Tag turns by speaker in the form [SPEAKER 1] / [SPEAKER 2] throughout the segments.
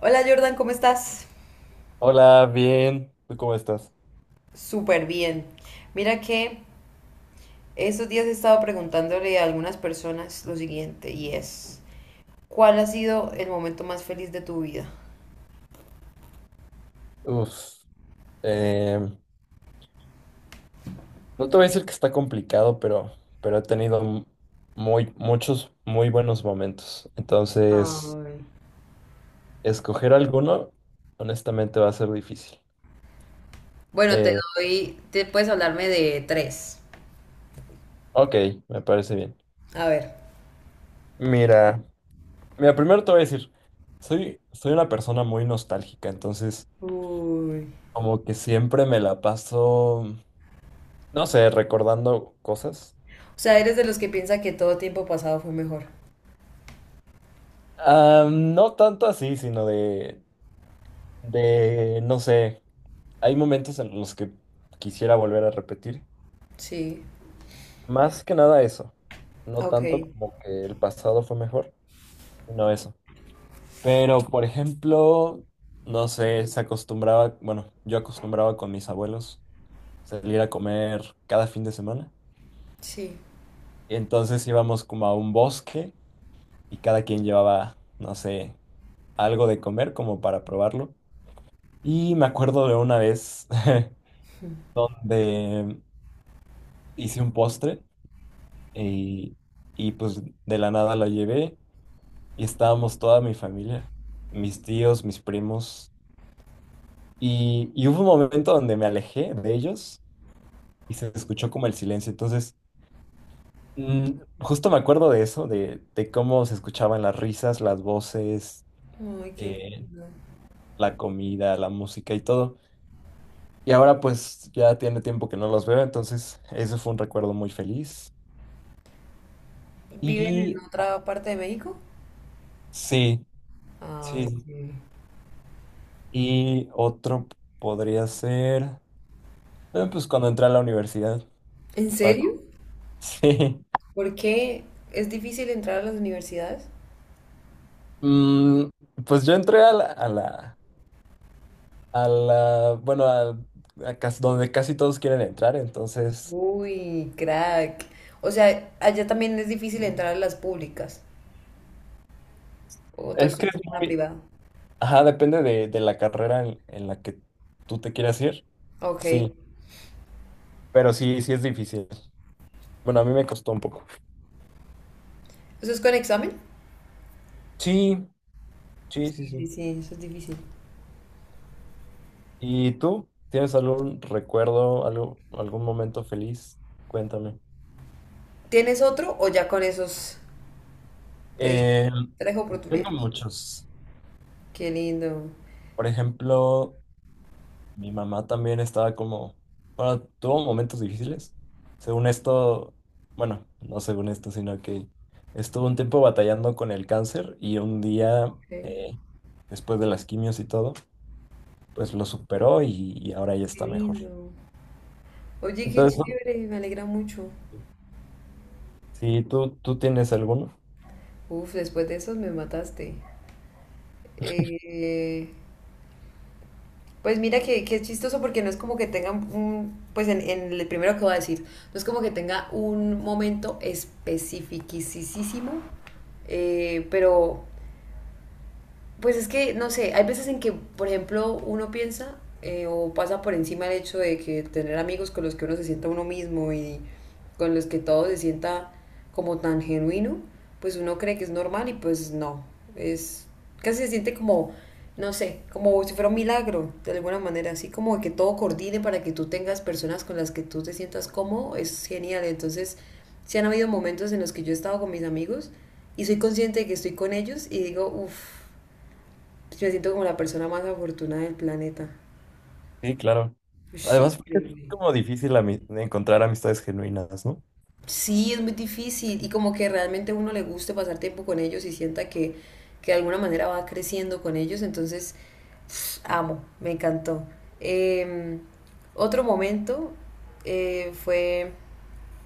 [SPEAKER 1] Hola Jordan, ¿cómo estás?
[SPEAKER 2] Hola, bien. ¿Tú cómo estás?
[SPEAKER 1] Súper bien. Mira que estos días he estado preguntándole a algunas personas lo siguiente y es, ¿cuál ha sido el momento más feliz de tu vida?
[SPEAKER 2] Uf, em, no te voy a decir que está complicado, pero he tenido muchos muy buenos momentos. Entonces,
[SPEAKER 1] Ay.
[SPEAKER 2] escoger alguno, honestamente, va a ser difícil.
[SPEAKER 1] Bueno, te
[SPEAKER 2] Eh,
[SPEAKER 1] doy, te puedes hablarme de tres.
[SPEAKER 2] ok, me parece bien.
[SPEAKER 1] A ver.
[SPEAKER 2] Mira, mira, primero te voy a decir, soy una persona muy nostálgica, entonces
[SPEAKER 1] Uy.
[SPEAKER 2] como que siempre me la paso, no sé, recordando cosas.
[SPEAKER 1] O sea, ¿eres de los que piensa que todo tiempo pasado fue mejor?
[SPEAKER 2] Ah, no tanto así, sino de, no sé, hay momentos en los que quisiera volver a repetir.
[SPEAKER 1] Sí,
[SPEAKER 2] Más que nada eso, no
[SPEAKER 1] ok,
[SPEAKER 2] tanto como que el pasado fue mejor, sino eso. Pero, por ejemplo, no sé, se acostumbraba, bueno, yo acostumbraba con mis abuelos salir a comer cada fin de semana.
[SPEAKER 1] sí.
[SPEAKER 2] Entonces íbamos como a un bosque y cada quien llevaba, no sé, algo de comer como para probarlo. Y me acuerdo de una vez donde hice un postre Y, y pues de la nada la llevé y estábamos toda mi familia, mis tíos, mis primos. Y hubo un momento donde me alejé de ellos y se escuchó como el silencio. Entonces, justo me acuerdo de eso, de cómo se escuchaban las risas, las voces,
[SPEAKER 1] Ay, qué
[SPEAKER 2] eh,
[SPEAKER 1] lindo.
[SPEAKER 2] la comida, la música y todo. Y ahora pues ya tiene tiempo que no los veo, entonces ese fue un recuerdo muy feliz.
[SPEAKER 1] ¿Viven en
[SPEAKER 2] Y
[SPEAKER 1] otra parte de México?
[SPEAKER 2] sí,
[SPEAKER 1] Ay,
[SPEAKER 2] sí.
[SPEAKER 1] qué-
[SPEAKER 2] Y otro podría ser. Pues cuando entré a la universidad,
[SPEAKER 1] ¿En
[SPEAKER 2] estaba.
[SPEAKER 1] serio?
[SPEAKER 2] Sí.
[SPEAKER 1] ¿Por qué es difícil entrar a las universidades?
[SPEAKER 2] Mm, pues yo entré a la, a la, a la, bueno, a, a donde casi todos quieren entrar, entonces.
[SPEAKER 1] Uy, crack. O sea, allá también es difícil entrar a las públicas. ¿O tú
[SPEAKER 2] Es que es
[SPEAKER 1] estudias en una
[SPEAKER 2] muy.
[SPEAKER 1] privada?
[SPEAKER 2] Ajá, depende de la carrera en la que tú te quieras ir.
[SPEAKER 1] Ok.
[SPEAKER 2] Sí,
[SPEAKER 1] ¿Eso
[SPEAKER 2] pero sí, sí es difícil. Bueno, a mí me costó un poco.
[SPEAKER 1] es con examen?
[SPEAKER 2] Sí, sí, sí,
[SPEAKER 1] Sí, sí,
[SPEAKER 2] sí.
[SPEAKER 1] sí, eso es difícil.
[SPEAKER 2] ¿Y tú? ¿Tienes algún recuerdo, algo, algún momento feliz? Cuéntame.
[SPEAKER 1] ¿Tienes otro o ya con esos te di
[SPEAKER 2] Eh,
[SPEAKER 1] tres
[SPEAKER 2] Tengo
[SPEAKER 1] oportunidades?
[SPEAKER 2] muchos.
[SPEAKER 1] Qué lindo.
[SPEAKER 2] Por ejemplo, mi mamá también estaba como, bueno, tuvo momentos difíciles. Según esto, bueno, no según esto, sino que estuvo un tiempo batallando con el cáncer y un día,
[SPEAKER 1] Ok.
[SPEAKER 2] eh, después de las quimios y todo, pues lo superó y ahora ya
[SPEAKER 1] Qué
[SPEAKER 2] está mejor.
[SPEAKER 1] lindo. Oye, qué
[SPEAKER 2] Entonces,
[SPEAKER 1] chévere, me alegra mucho.
[SPEAKER 2] si tú tienes alguno.
[SPEAKER 1] Uf, después de esos me mataste. Eh, Pues mira que es chistoso porque no es como que tenga un, pues en el primero que voy a decir, no es como que tenga un momento especificísimo, pero pues es que, no sé, hay veces en que, por ejemplo, uno piensa o pasa por encima el hecho de que tener amigos con los que uno se sienta uno mismo y con los que todo se sienta como tan genuino, pues uno cree que es normal y pues no, es casi se siente como, no sé, como si fuera un milagro, de alguna manera, así como que todo coordine para que tú tengas personas con las que tú te sientas cómodo, es genial. Entonces, sí han habido momentos en los que yo he estado con mis amigos y soy consciente de que estoy con ellos y digo, uff, pues me siento como la persona más afortunada del planeta.
[SPEAKER 2] Sí, claro.
[SPEAKER 1] Ush,
[SPEAKER 2] Además, porque es
[SPEAKER 1] increíble.
[SPEAKER 2] como difícil encontrar amistades genuinas, ¿no?
[SPEAKER 1] Sí, es muy difícil y como que realmente a uno le guste pasar tiempo con ellos y sienta que de alguna manera va creciendo con ellos, entonces pf, amo, me encantó. Eh, otro momento fue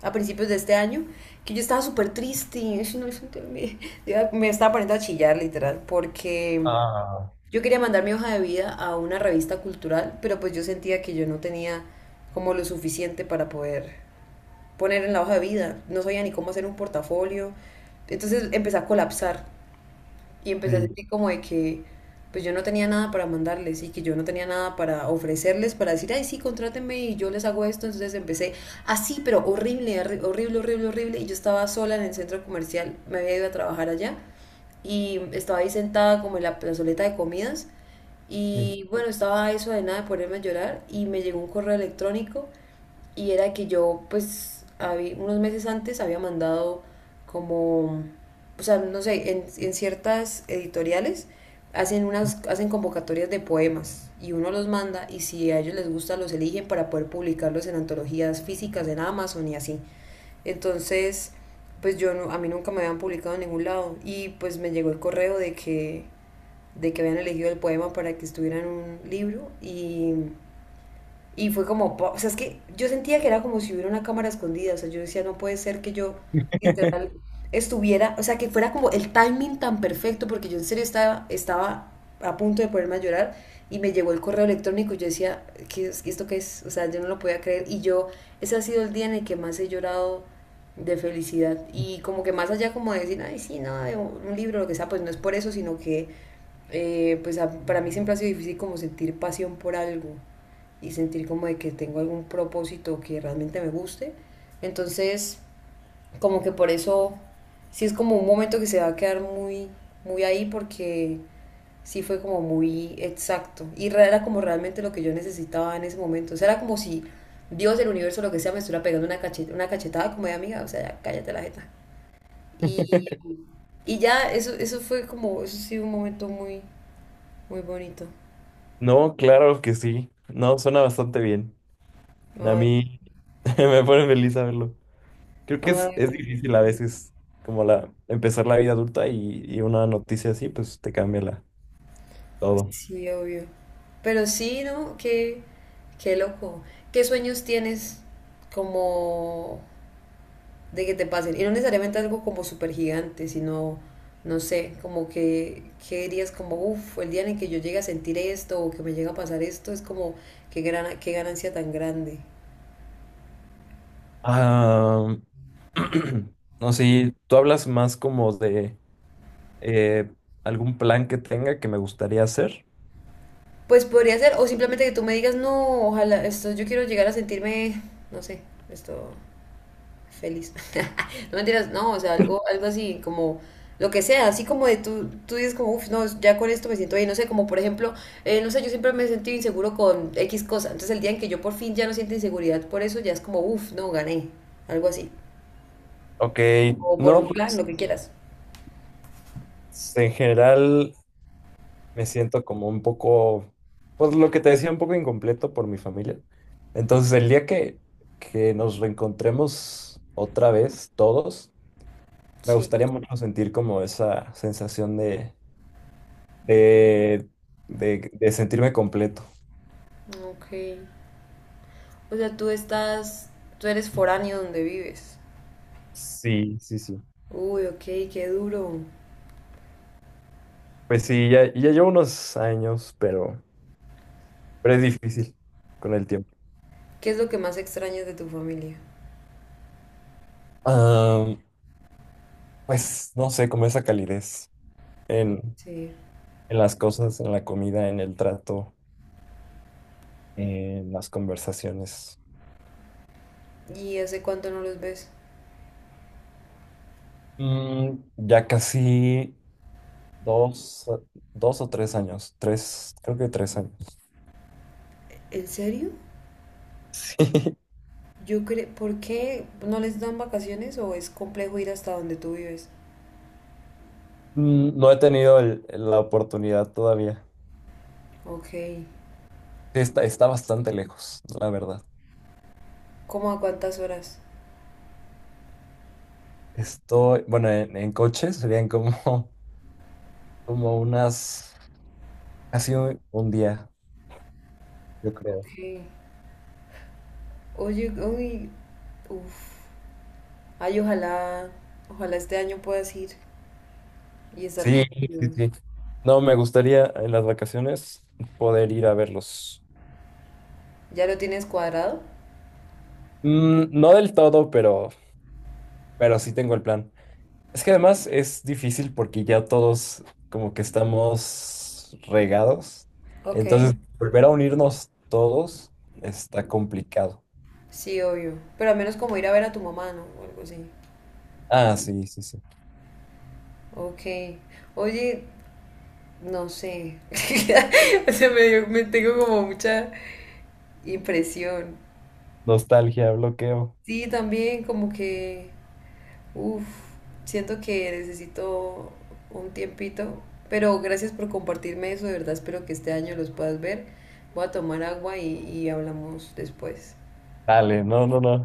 [SPEAKER 1] a principios de este año que yo estaba súper triste, y, "Ay, no, yo te- me, yo me estaba poniendo a chillar literal porque
[SPEAKER 2] Ah,
[SPEAKER 1] yo quería mandar mi hoja de vida a una revista cultural, pero pues yo sentía que yo no tenía como lo suficiente para poder poner en la hoja de vida. No sabía ni cómo hacer un portafolio. Entonces empecé a colapsar y empecé a
[SPEAKER 2] sí,
[SPEAKER 1] sentir como de que pues yo no tenía nada para mandarles y que yo no tenía nada para ofrecerles, para decir, ay, sí, contrátenme y yo les hago esto. Entonces empecé así, pero horrible, horri- horrible, horrible, horrible. Y yo estaba sola en el centro comercial, me había ido a trabajar allá y estaba ahí sentada como en la plazoleta de comidas
[SPEAKER 2] sí.
[SPEAKER 1] y bueno, estaba a eso de nada de ponerme a llorar y me llegó un correo electrónico y era que yo pues habí- unos meses antes había mandado como, o sea, no sé, en ciertas editoriales hacen unas, hacen convocatorias de poemas y uno los manda y si a ellos les gusta los eligen para poder publicarlos en antologías físicas en Amazon y así. Entonces, pues yo no, a mí nunca me habían publicado en ningún lado y pues me llegó el correo de que habían elegido el poema para que estuviera en un libro y fue como, po- o sea, es que yo sentía que era como si hubiera una cámara escondida, o sea, yo decía, no puede ser que yo literal estuviera, o sea, que fuera como el timing tan perfecto, porque yo en serio estaba, estaba a punto de ponerme a llorar y me llegó el correo electrónico y yo decía, ¿qué es- esto qué es? O sea, yo no lo podía creer y yo, ese ha sido el día en el que más he llorado de felicidad y como que más allá como de decir, ay, sí, no, de un libro, lo que sea, pues no es por eso, sino que pues a- para mí siempre ha sido difícil como sentir pasión por algo y sentir como de que tengo algún propósito que realmente me guste. Entonces, como que por eso, sí es como un momento que se va a quedar muy, muy ahí porque sí fue como muy exacto y era como realmente lo que yo necesitaba en ese momento. O sea, era como si Dios, el universo, lo que sea, me estuviera pegando una cacheta, una cachetada como de amiga, o sea, ya cállate la jeta. Y, y ya, eso fue como, eso sí, un momento muy, muy bonito.
[SPEAKER 2] No, claro que sí. No, suena bastante bien. A
[SPEAKER 1] Ay,
[SPEAKER 2] mí me pone feliz saberlo. Creo que es
[SPEAKER 1] ay,
[SPEAKER 2] difícil a veces como la empezar la vida adulta y una noticia así, pues te cambia todo.
[SPEAKER 1] sí, obvio. Pero sí, ¿no? Qué, qué loco. ¿Qué sueños tienes como de que te pasen? Y no necesariamente algo como súper gigante, sino, no sé, como que, ¿qué dirías? Como, uff, el día en el que yo llegue a sentir esto o que me llega a pasar esto, es como, qué gran, qué ganancia tan grande.
[SPEAKER 2] Ah, no sé, tú hablas más como de eh, algún plan que tenga que me gustaría hacer.
[SPEAKER 1] Pues podría ser, o simplemente que tú me digas, no, ojalá, esto, yo quiero llegar a sentirme, no sé, esto, feliz. No mentiras, no, o sea, algo, algo así como lo que sea, así como de tú, tú dices como, uff, no, ya con esto me siento bien, no sé, como por ejemplo, no sé, yo siempre me he sentido inseguro con X cosa, entonces el día en que yo por fin ya no siento inseguridad por eso, ya es como, uff, no, gané, algo así,
[SPEAKER 2] Ok,
[SPEAKER 1] o por
[SPEAKER 2] no,
[SPEAKER 1] un plan,
[SPEAKER 2] pues
[SPEAKER 1] lo que quieras.
[SPEAKER 2] en general. Me siento como un poco, pues lo que te decía, un poco incompleto por mi familia. Entonces, el día que nos reencontremos otra vez, todos, me
[SPEAKER 1] Sí,
[SPEAKER 2] gustaría mucho sentir como esa sensación de, de sentirme completo.
[SPEAKER 1] ok. O sea, tú estás, tú eres foráneo donde vives.
[SPEAKER 2] Sí, sí, sí.
[SPEAKER 1] Uy, ok, qué duro.
[SPEAKER 2] Pues sí, ya, ya llevo unos años, pero es difícil con el tiempo.
[SPEAKER 1] ¿Qué es lo que más extrañas de tu familia?
[SPEAKER 2] Ah, pues no sé, como esa calidez en,
[SPEAKER 1] Sí.
[SPEAKER 2] en las cosas, en la comida, en el trato. En las conversaciones.
[SPEAKER 1] ¿Y hace cuánto no los ves?
[SPEAKER 2] Mm, ya casi dos, dos o tres años, tres, creo que tres años.
[SPEAKER 1] ¿En serio? Yo creo, ¿por qué no les dan vacaciones o es complejo ir hasta donde tú vives?
[SPEAKER 2] No he tenido la oportunidad todavía.
[SPEAKER 1] Ok,
[SPEAKER 2] Sí, Está bastante lejos, la verdad.
[SPEAKER 1] ¿cómo a cuántas horas?
[SPEAKER 2] Estoy, bueno, en coche serían como, como unas, casi un día, yo creo.
[SPEAKER 1] Ok, oye, uy, uff, ay, ojalá, ojalá este año puedas ir y estar
[SPEAKER 2] Sí,
[SPEAKER 1] con
[SPEAKER 2] sí,
[SPEAKER 1] ellos.
[SPEAKER 2] sí. No, me gustaría en las vacaciones poder ir a verlos.
[SPEAKER 1] ¿Ya lo tienes cuadrado?
[SPEAKER 2] No del todo, pero sí tengo el plan. Es que además es difícil porque ya todos como que estamos regados.
[SPEAKER 1] Ok,
[SPEAKER 2] Entonces, volver a unirnos todos está complicado.
[SPEAKER 1] sí, obvio, pero al menos como ir a ver a tu mamá, ¿no? O algo así.
[SPEAKER 2] Ah, sí, sí, sí.
[SPEAKER 1] Ok, oye, no sé, o sea, me dio- me tengo como mucha impresión.
[SPEAKER 2] Nostalgia, bloqueo.
[SPEAKER 1] Sí, también como que uf, siento que necesito un tiempito, pero gracias por compartirme eso, de verdad espero que este año los puedas ver. Voy a tomar agua y hablamos después.
[SPEAKER 2] Dale, no, no, no.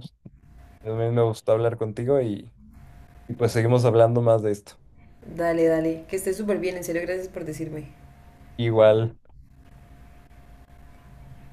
[SPEAKER 2] También me gustó hablar contigo y pues seguimos hablando más de esto.
[SPEAKER 1] Dale, dale, que estés súper bien, en serio, gracias por decirme.
[SPEAKER 2] Igual.